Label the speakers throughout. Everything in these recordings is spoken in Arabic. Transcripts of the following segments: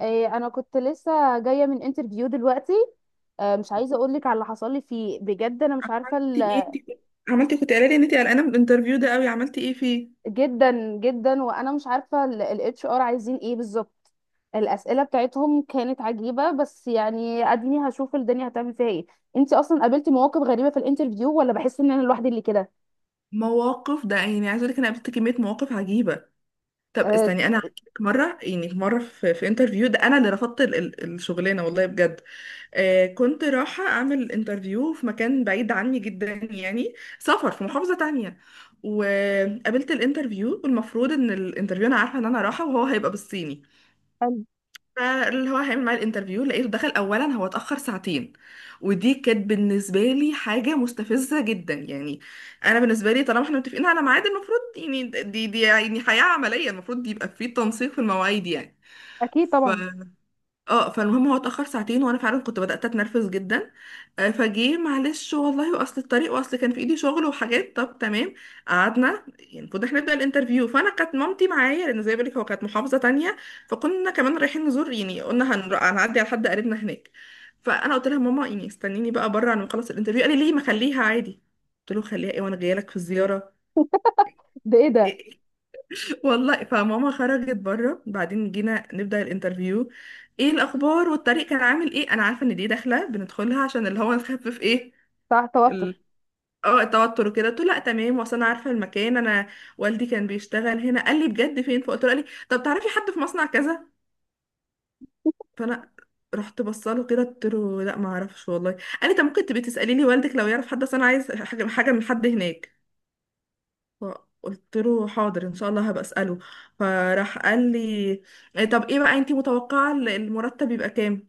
Speaker 1: إيه، انا كنت لسه جايه من انترفيو دلوقتي. آه، مش عايزه اقول لك على اللي حصل لي فيه بجد، انا مش عارفه
Speaker 2: عملتي ايه انت كنت عملتي كنت قايله لي ان انت قلقانه من الانترفيو ده قوي، عملتي ايه فيه
Speaker 1: جدا جدا. وانا مش عارفه الاتش ار عايزين ايه بالظبط. الاسئله بتاعتهم كانت عجيبه، بس يعني اديني هشوف الدنيا هتعمل فيها ايه. انت اصلا قابلتي مواقف غريبه في الانترفيو، ولا بحس ان انا لوحدي اللي كده؟
Speaker 2: مواقف ده؟ عايزه اقول لك انا قابلت كميه مواقف عجيبه. طب
Speaker 1: أه.
Speaker 2: استني، انا هحكي لك مره، في انترفيو ده انا اللي رفضت الشغلانه والله بجد. آه، كنت رايحه اعمل انترفيو في مكان بعيد عني جدا، سفر في محافظه تانية. وقابلت الانترفيو، والمفروض ان الانترفيو انا عارفه ان انا رايحه وهو هيبقى بالصيني.
Speaker 1: حلو.
Speaker 2: فاللي هو هيعمل معايا الانترفيو لقيته دخل اولا، هو اتاخر ساعتين. ودي كانت بالنسبه لي حاجه مستفزه جدا، انا بالنسبه لي طالما احنا متفقين على ميعاد المفروض، يعني دي دي يعني حياه عمليه المفروض يبقى في تنسيق في المواعيد
Speaker 1: اكيد
Speaker 2: ف
Speaker 1: طبعا.
Speaker 2: اه فالمهم، هو اتاخر ساعتين وانا فعلا كنت بدات اتنرفز جدا. فجه معلش والله، واصل الطريق، واصل كان في ايدي شغل وحاجات، طب تمام. قعدنا، يعني المفروض احنا نبدا الانترفيو، فانا كانت مامتي معايا لان زي ما بقولك هو كانت محافظه تانية، فكنا كمان رايحين نزور، يعني قلنا هنعدي على حد قريبنا هناك. فانا قلت لها: ماما، استنيني بقى بره على ما اخلص الانترفيو. قال لي: ليه؟ ما خليها عادي. قلت له: خليها ايه وانا جايه لك في الزياره.
Speaker 1: ده ايه ده؟
Speaker 2: والله. فماما خرجت بره، بعدين جينا نبدا الانترفيو. ايه الاخبار والطريق كان عامل ايه؟ انا عارفه ان دي داخله بندخلها عشان اللي هو نخفف ايه.
Speaker 1: بتاع توتر.
Speaker 2: اه، التوتر وكده. قلت له: لا تمام، واصل، انا عارفه المكان، انا والدي كان بيشتغل هنا. قال لي: بجد؟ فين؟ فقلت له. قال لي: طب تعرفي حد في مصنع كذا؟ فانا رحت بصله كده، قلت له: لا ما اعرفش والله. قال لي: طب ممكن تبقي تسالي لي والدك لو يعرف حد، اصل انا عايز حاجه من حد هناك. فقلت له: حاضر ان شاء الله هبقى اساله. فراح قال لي: طب ايه بقى انت متوقعه المرتب يبقى كام؟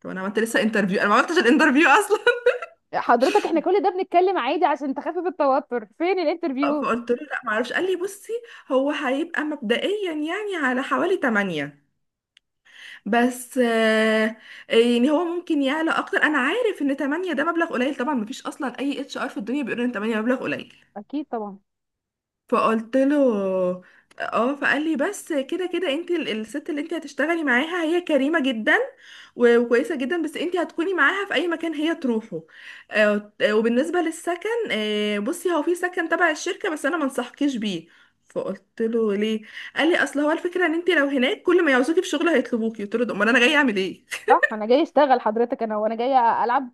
Speaker 2: طب انا عملت لسه انترفيو؟ انا ما عملتش الانترفيو اصلا.
Speaker 1: حضرتك، احنا كل ده بنتكلم عادي عشان تخفف التوتر، فين الانترفيو؟
Speaker 2: فقلت له: لا ما اعرفش. قال لي: بصي، هو هيبقى مبدئيا يعني على حوالي 8، بس يعني هو ممكن يعلى اكتر، انا عارف ان 8 ده مبلغ قليل، طبعا مفيش اصلا اي اتش ار في الدنيا بيقول ان 8 مبلغ قليل.
Speaker 1: اكيد طبعا.
Speaker 2: فقلت له اه. فقال لي: بس كده كده انت الست اللي انت هتشتغلي معاها هي كريمة جدا وكويسة جدا، بس انت هتكوني معاها في اي مكان هي تروحه. وبالنسبة للسكن، بصي هو في سكن تبع الشركة بس انا ما انصحكيش بيه. فقلت له: ليه؟ قال لي: اصل هو الفكره ان انت لو هناك كل ما يعوزوكي في شغل هيطلبوكي. قلت له: ده امال انا جاي اعمل ايه؟
Speaker 1: صح، انا جاي اشتغل حضرتك، انا وانا جايه العب؟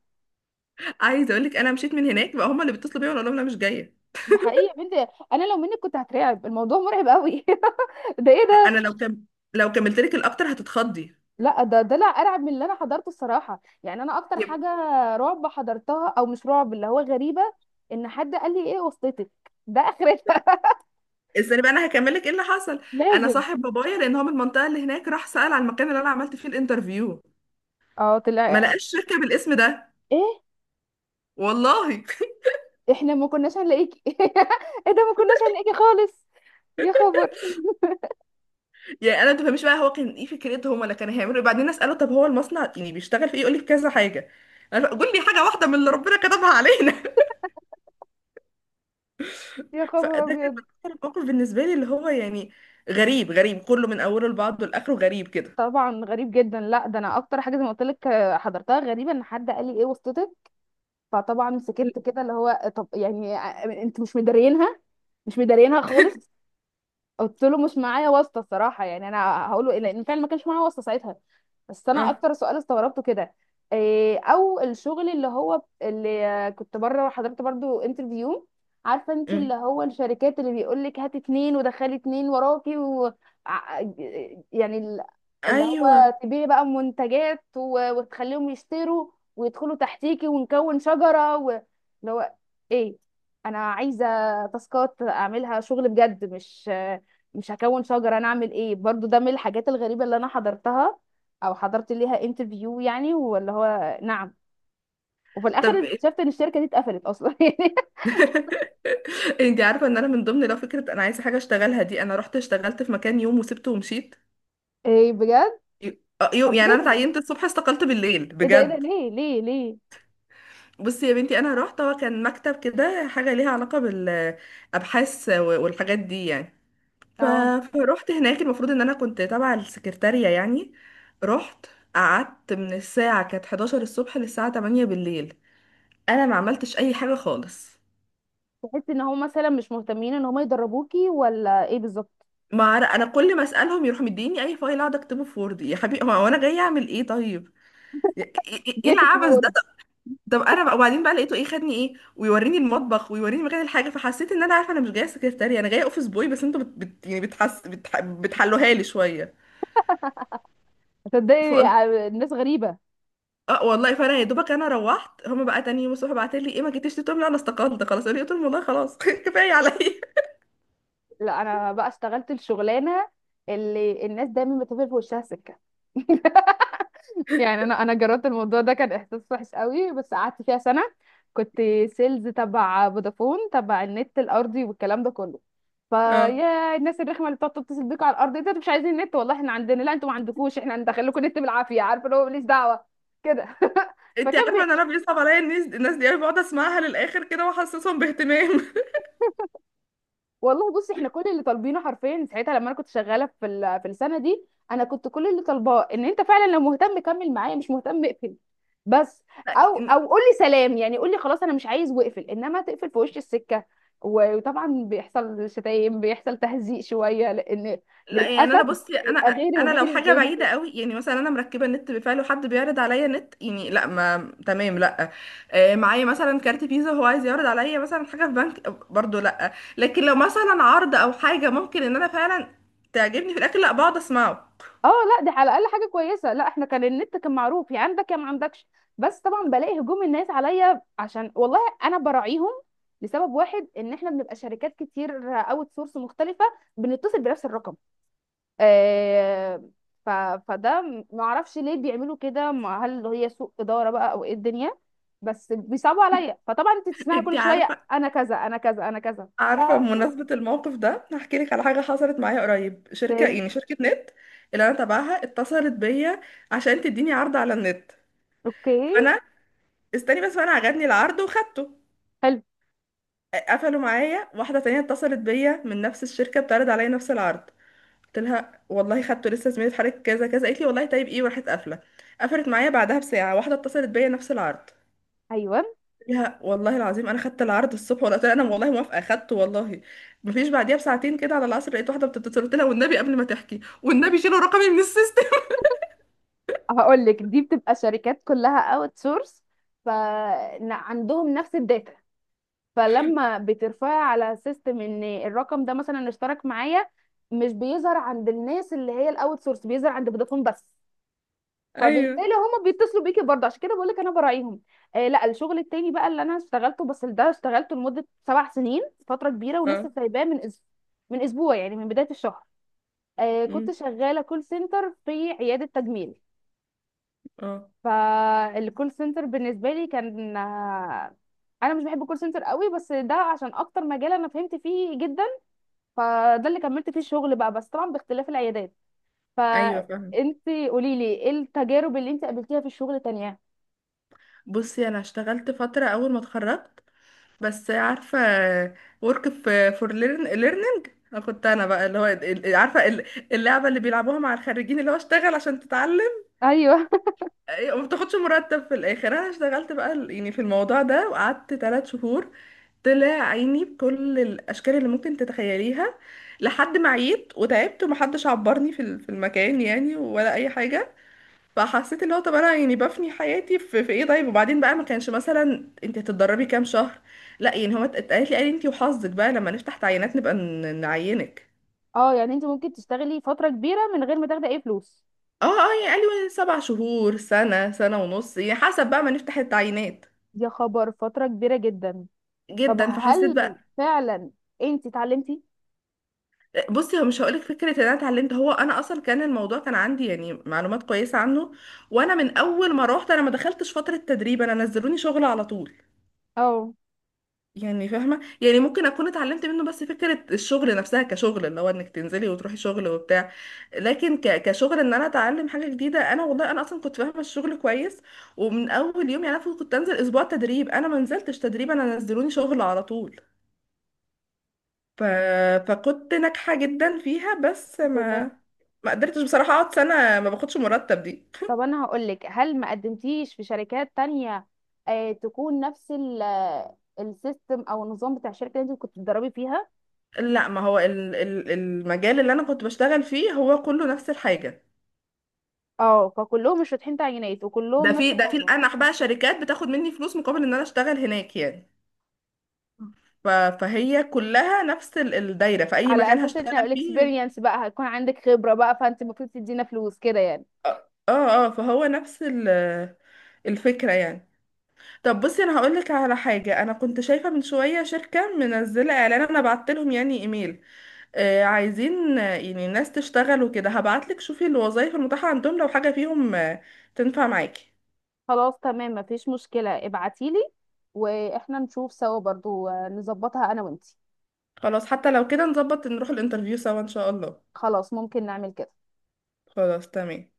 Speaker 2: عايزه اقول لك، انا مشيت من هناك بقى هما اللي بيتصلوا بيا وانا اقول لهم انا مش جايه.
Speaker 1: ده حقيقي يا بنتي. انا لو منك كنت هترعب، الموضوع مرعب قوي. ده ايه
Speaker 2: انا
Speaker 1: ده؟
Speaker 2: لو كم لو كملت لك الاكتر هتتخضي.
Speaker 1: لا، ده لا ارعب من اللي انا حضرته، الصراحه يعني انا اكتر
Speaker 2: يب-
Speaker 1: حاجه رعب حضرتها، او مش رعب، اللي هو غريبه ان حد قال لي ايه وسطتك؟ ده اخرتها.
Speaker 2: استني بقى انا هكمل لك ايه اللي حصل. انا
Speaker 1: لازم.
Speaker 2: صاحب بابايا، لان هو من المنطقه اللي هناك، راح سال على المكان اللي انا عملت فيه الانترفيو،
Speaker 1: اه
Speaker 2: ما
Speaker 1: طلع.
Speaker 2: لقاش شركه بالاسم ده.
Speaker 1: ايه؟
Speaker 2: والله.
Speaker 1: احنا ما كناش هنلاقيكي. ايه ده، ما كناش هنلاقيكي خالص. يا خبر.
Speaker 2: يعني انا ما تفهميش بقى هو كان ايه فكرتهم ولا كان هيعملوا ايه. بعدين اساله: طب هو المصنع يعني بيشتغل في ايه؟ يقول لي: في كذا حاجه. انا قول لي حاجه واحده من اللي ربنا كتبها علينا.
Speaker 1: يا خبر
Speaker 2: فده كان
Speaker 1: ابيض.
Speaker 2: أكتر موقف بالنسبه لي، اللي هو يعني غريب، غريب كله من اوله لبعضه لاخره، غريب كده.
Speaker 1: طبعا غريب جدا. لا، ده انا اكتر حاجه زي ما قلت لك حضرتها غريبه، ان حد قال لي ايه وسطتك؟ فطبعا سكت كده، اللي هو طب يعني انتوا مش مدارينها؟ مش مدارينها خالص. قلت له مش معايا واسطه، الصراحه يعني انا هقول له إيه، لان فعلا ما كانش معايا واسطه ساعتها. بس انا
Speaker 2: اه.
Speaker 1: اكتر سؤال استغربته كده إيه، او الشغل اللي هو اللي كنت بره حضرت برضو انترفيو، عارفه انت
Speaker 2: مم.
Speaker 1: اللي هو الشركات اللي بيقول لك هات اتنين ودخلي اتنين وراكي، و ع- يعني اللي
Speaker 2: ايوه.
Speaker 1: هو تبيعي بقى منتجات و- وتخليهم يشتروا ويدخلوا تحتيكي ونكون شجره، اللي هو ايه، انا عايزه تاسكات اعملها شغل بجد، مش هكون شجره انا اعمل ايه؟ برضو ده من الحاجات الغريبه اللي انا حضرتها او حضرت ليها انترفيو يعني، ولا هو؟ نعم. وفي الاخر
Speaker 2: طب إيه؟
Speaker 1: اكتشفت ان الشركه دي اتقفلت اصلا يعني.
Speaker 2: انت عارفه ان انا من ضمن لو فكره انا عايزه حاجه اشتغلها دي، انا رحت اشتغلت في مكان يوم وسبته ومشيت.
Speaker 1: ايه بجد؟
Speaker 2: يوم،
Speaker 1: طب
Speaker 2: يعني انا
Speaker 1: ليه؟
Speaker 2: اتعينت الصبح استقلت بالليل
Speaker 1: ايه ده ايه ده،
Speaker 2: بجد.
Speaker 1: ليه ليه ليه.
Speaker 2: بصي يا بنتي، انا رحت، هو كان مكتب كده حاجه ليها علاقه بالابحاث والحاجات دي يعني. ف...
Speaker 1: اه.
Speaker 2: فروحت هناك، المفروض ان انا كنت تبع السكرتاريه يعني. رحت، قعدت من الساعه كانت 11 الصبح للساعه 8 بالليل، انا ما عملتش اي حاجه خالص.
Speaker 1: تحس ان هم مثلا مش مهتمين ان هم يدربوكي، ولا ايه بالظبط؟
Speaker 2: ما عر- انا كل ما اسالهم يروحوا مديني اي فايل اقعد اكتبه في وورد. يا حبيبي هو انا جاي اعمل ايه؟ طيب ايه إيه
Speaker 1: جيتك
Speaker 2: العبث ده؟
Speaker 1: وورد.
Speaker 2: طب طب انا بقى، وبعدين بقى لقيته ايه خدني ايه ويوريني المطبخ ويوريني مكان الحاجه. فحسيت ان انا عارفه انا مش جايه سكرتاريه، انا جايه اوفيس بوي، بس انتوا بت... بت... يعني بتحس بتح... بتحلوها لي شويه.
Speaker 1: تصدقي
Speaker 2: فقلت
Speaker 1: يعني الناس غريبه.
Speaker 2: اه والله. فانا يا دوبك، انا روحت، هما بقى تاني يوم الصبح بعتوا لي: ايه، ما جيتيش؟ قلت لهم: لا انا استقلت خلاص. قالوا لي، قلت لهم: والله خلاص. كفايه عليا.
Speaker 1: لا، انا بقى اشتغلت الشغلانه اللي الناس دايما بتقفل في وشها سكه. يعني انا جربت الموضوع ده، كان احساس وحش قوي، بس قعدت فيها سنه. كنت سيلز تبع فودافون، تبع النت الارضي والكلام ده كله.
Speaker 2: اه.
Speaker 1: فيا الناس الرخمه اللي بتقعد تتصل بيك على الارض، إيه ده انتوا مش عايزين نت؟ والله احنا عندنا. لا انتوا ما عندكوش، احنا ندخل لكم نت بالعافيه، عارفه اللي هو ماليش دعوه كده.
Speaker 2: انت
Speaker 1: فكان
Speaker 2: عارفه ان انا بيصعب عليا الناس، الناس دي انا بقعد اسمعها للاخر كده واحسسهم باهتمام.
Speaker 1: والله، بصي احنا كل اللي طالبينه حرفيا ساعتها لما انا كنت شغاله في السنه دي، انا كنت كل اللي طالباه ان انت فعلا لو مهتم كمل معايا، مش مهتم اقفل بس. او قول لي سلام، يعني قول لي خلاص انا مش عايز واقفل، انما تقفل في وش السكه و- وطبعا بيحصل شتايم، بيحصل تهزيق شويه، لان
Speaker 2: لا يعني
Speaker 1: للاسف
Speaker 2: انا بصي، انا
Speaker 1: بيبقى غيري
Speaker 2: انا لو
Speaker 1: وغيري
Speaker 2: حاجه
Speaker 1: وغيري.
Speaker 2: بعيده قوي، يعني مثلا انا مركبه النت بفعل وحد بيعرض عليا نت، يعني لا، ما تمام، لا. معايا مثلا كارت فيزا هو عايز يعرض عليا مثلا حاجه في بنك برضو، لا. لكن لو مثلا عرض او حاجه ممكن ان انا فعلا تعجبني في الاكل، لا بقعد اسمعه.
Speaker 1: اه لا، دي على الاقل حاجه كويسه. لا، احنا كان النت كان معروف يا عندك يا ما عندكش. بس طبعا بلاقي هجوم الناس عليا، عشان والله انا براعيهم لسبب واحد، ان احنا بنبقى شركات كتير اوت سورس مختلفه بنتصل بنفس الرقم. آه ف... فده ما اعرفش ليه بيعملوا كده، هل هي سوء اداره بقى، او ايه الدنيا؟ بس بيصعبوا عليا، فطبعا انت تسمعي كل
Speaker 2: انتي
Speaker 1: شويه
Speaker 2: عارفه؟
Speaker 1: انا كذا، انا كذا، انا كذا. ف...
Speaker 2: عارفه، بمناسبه الموقف ده هحكي لك على حاجه حصلت معايا قريب. شركه،
Speaker 1: إيه.
Speaker 2: يعني شركه نت اللي انا تبعها، اتصلت بيا عشان تديني عرض على النت.
Speaker 1: اوكي.
Speaker 2: فانا استني بس، فانا عجبني العرض وخدته.
Speaker 1: حلو.
Speaker 2: قفلوا معايا، واحدة تانية اتصلت بيا من نفس الشركة بتعرض عليا نفس العرض. قلت لها: والله خدته لسه، زميلي في حضرتك كذا كذا. قالت لي: والله طيب ايه، وراحت قافلة. قفلت معايا، بعدها بساعة واحدة اتصلت بيا نفس العرض.
Speaker 1: ايوه.
Speaker 2: قلت لها: والله العظيم انا خدت العرض الصبح، ولا قلت لها انا والله موافقة خدته والله. مفيش، بعديها بساعتين كده على العصر لقيت واحدة بتتصل. قلت لها: والنبي قبل ما تحكي والنبي شيلوا رقمي من السيستم.
Speaker 1: هقول لك دي بتبقى شركات كلها اوت سورس، فعندهم نفس الداتا، فلما بترفعي على سيستم ان الرقم ده مثلا اشترك معايا، مش بيظهر عند الناس اللي هي الاوت سورس، بيظهر عند فودافون بس. فبالتالي
Speaker 2: ايوه.
Speaker 1: هما بيتصلوا بيكي برضه، عشان كده بقول لك انا براعيهم. آه لا، الشغل التاني بقى اللي انا اشتغلته، بس ده اشتغلته لمده 7 سنين، فتره كبيره، ولسه
Speaker 2: اه.
Speaker 1: سايباه من من اسبوع، يعني من بدايه الشهر.
Speaker 2: أمم،
Speaker 1: كنت شغاله كول سنتر في عياده تجميل.
Speaker 2: اه.
Speaker 1: فالكول سنتر بالنسبه لي كان، انا مش بحب الكول سنتر قوي، بس ده عشان اكتر مجال انا فهمت فيه جدا، فده اللي كملت فيه الشغل بقى، بس طبعا باختلاف العيادات.
Speaker 2: ايوه فاهمة.
Speaker 1: فانت قولي لي ايه التجارب اللي انت قابلتيها في الشغل تانية؟
Speaker 2: بصي انا اشتغلت فترة اول ما اتخرجت، بس عارفة، work f- for learn- learning. أنا كنت، أنا بقى اللي هو عارفة اللعبة اللي بيلعبوها مع الخريجين اللي هو اشتغل عشان تتعلم.
Speaker 1: ايوه.
Speaker 2: وما بتاخدش مرتب في الآخر. أنا اشتغلت بقى في الموضوع ده، وقعدت ثلاث شهور، طلع عيني بكل الأشكال اللي ممكن تتخيليها. لحد ما عيت وتعبت، ومحدش عبرني في المكان، يعني ولا أي حاجة. فحسيت اللي هو طب انا يعني بفني حياتي في ايه؟ طيب، وبعدين بقى ما كانش مثلا انت هتتدربي كام شهر؟ لا، يعني هو اتقالت لي قال لي: انت وحظك بقى، لما نفتح تعيينات نبقى نعينك.
Speaker 1: اه، يعني انت ممكن تشتغلي فتره كبيره من غير ما تاخدي اي فلوس.
Speaker 2: اه اه، يعني قال لي: سبع شهور، سنة، سنة ونص، يعني حسب بقى ما نفتح التعيينات.
Speaker 1: يا خبر، فتره كبيره جدا. طب
Speaker 2: جدا. فحسيت
Speaker 1: هل
Speaker 2: بقى،
Speaker 1: فعلا انت اتعلمتي؟
Speaker 2: بصي هو مش هقولك فكرة ان انا اتعلمت، هو انا اصلا كان الموضوع كان عندي يعني معلومات كويسة عنه. وانا من اول ما روحت انا ما دخلتش فترة تدريب، انا نزلوني شغل على طول.
Speaker 1: اه.
Speaker 2: يعني فاهمة، يعني ممكن أكون اتعلمت منه، بس فكرة الشغل نفسها كشغل اللي هو إنك تنزلي وتروحي شغل وبتاع. لكن كشغل إن أنا أتعلم حاجة جديدة، أنا والله أنا أصلا كنت فاهمة الشغل كويس. ومن أول يوم، يعني أنا كنت أنزل أسبوع تدريب، أنا ما نزلتش تدريب، أنا نزلوني شغل على طول. ف... فكنت ناجحة جدا فيها، بس ما ما قدرتش بصراحة أقعد سنة ما باخدش مرتب دي.
Speaker 1: طب انا هقولك، هل ما قدمتيش في شركات تانية تكون نفس السيستم او النظام بتاع الشركه اللي انت كنت بتدربي فيها؟
Speaker 2: لا، ما هو المجال اللي أنا كنت بشتغل فيه هو كله نفس الحاجة.
Speaker 1: اه، فكلهم مش فاتحين تعيينات، وكلهم
Speaker 2: ده
Speaker 1: نفس
Speaker 2: في، ده في
Speaker 1: الموضوع.
Speaker 2: الانح بقى شركات بتاخد مني فلوس مقابل ان انا اشتغل هناك يعني. ف... فهي كلها نفس الدايره في اي
Speaker 1: على
Speaker 2: مكان
Speaker 1: اساس ان
Speaker 2: هشتغل فيه.
Speaker 1: الاكسبيرينس بقى هيكون عندك خبره بقى، فانت المفروض تدينا فلوس كده يعني.
Speaker 2: اه اه، فهو نفس ال... الفكره يعني. طب بصي انا هقول لك على حاجه، انا كنت شايفه من شويه شركه منزله اعلان، انا بعت لهم يعني ايميل. آه عايزين، يعني ناس تشتغل وكده. هبعت لك شوفي الوظايف المتاحه عندهم، لو حاجه فيهم تنفع معاكي.
Speaker 1: خلاص تمام، مفيش مشكله ابعتيلي، واحنا نشوف سوا برضو، نظبطها انا وانتي.
Speaker 2: خلاص، حتى لو كده نظبط نروح الانترفيو سوا ان شاء الله.
Speaker 1: خلاص، ممكن نعمل كده.
Speaker 2: خلاص تمام.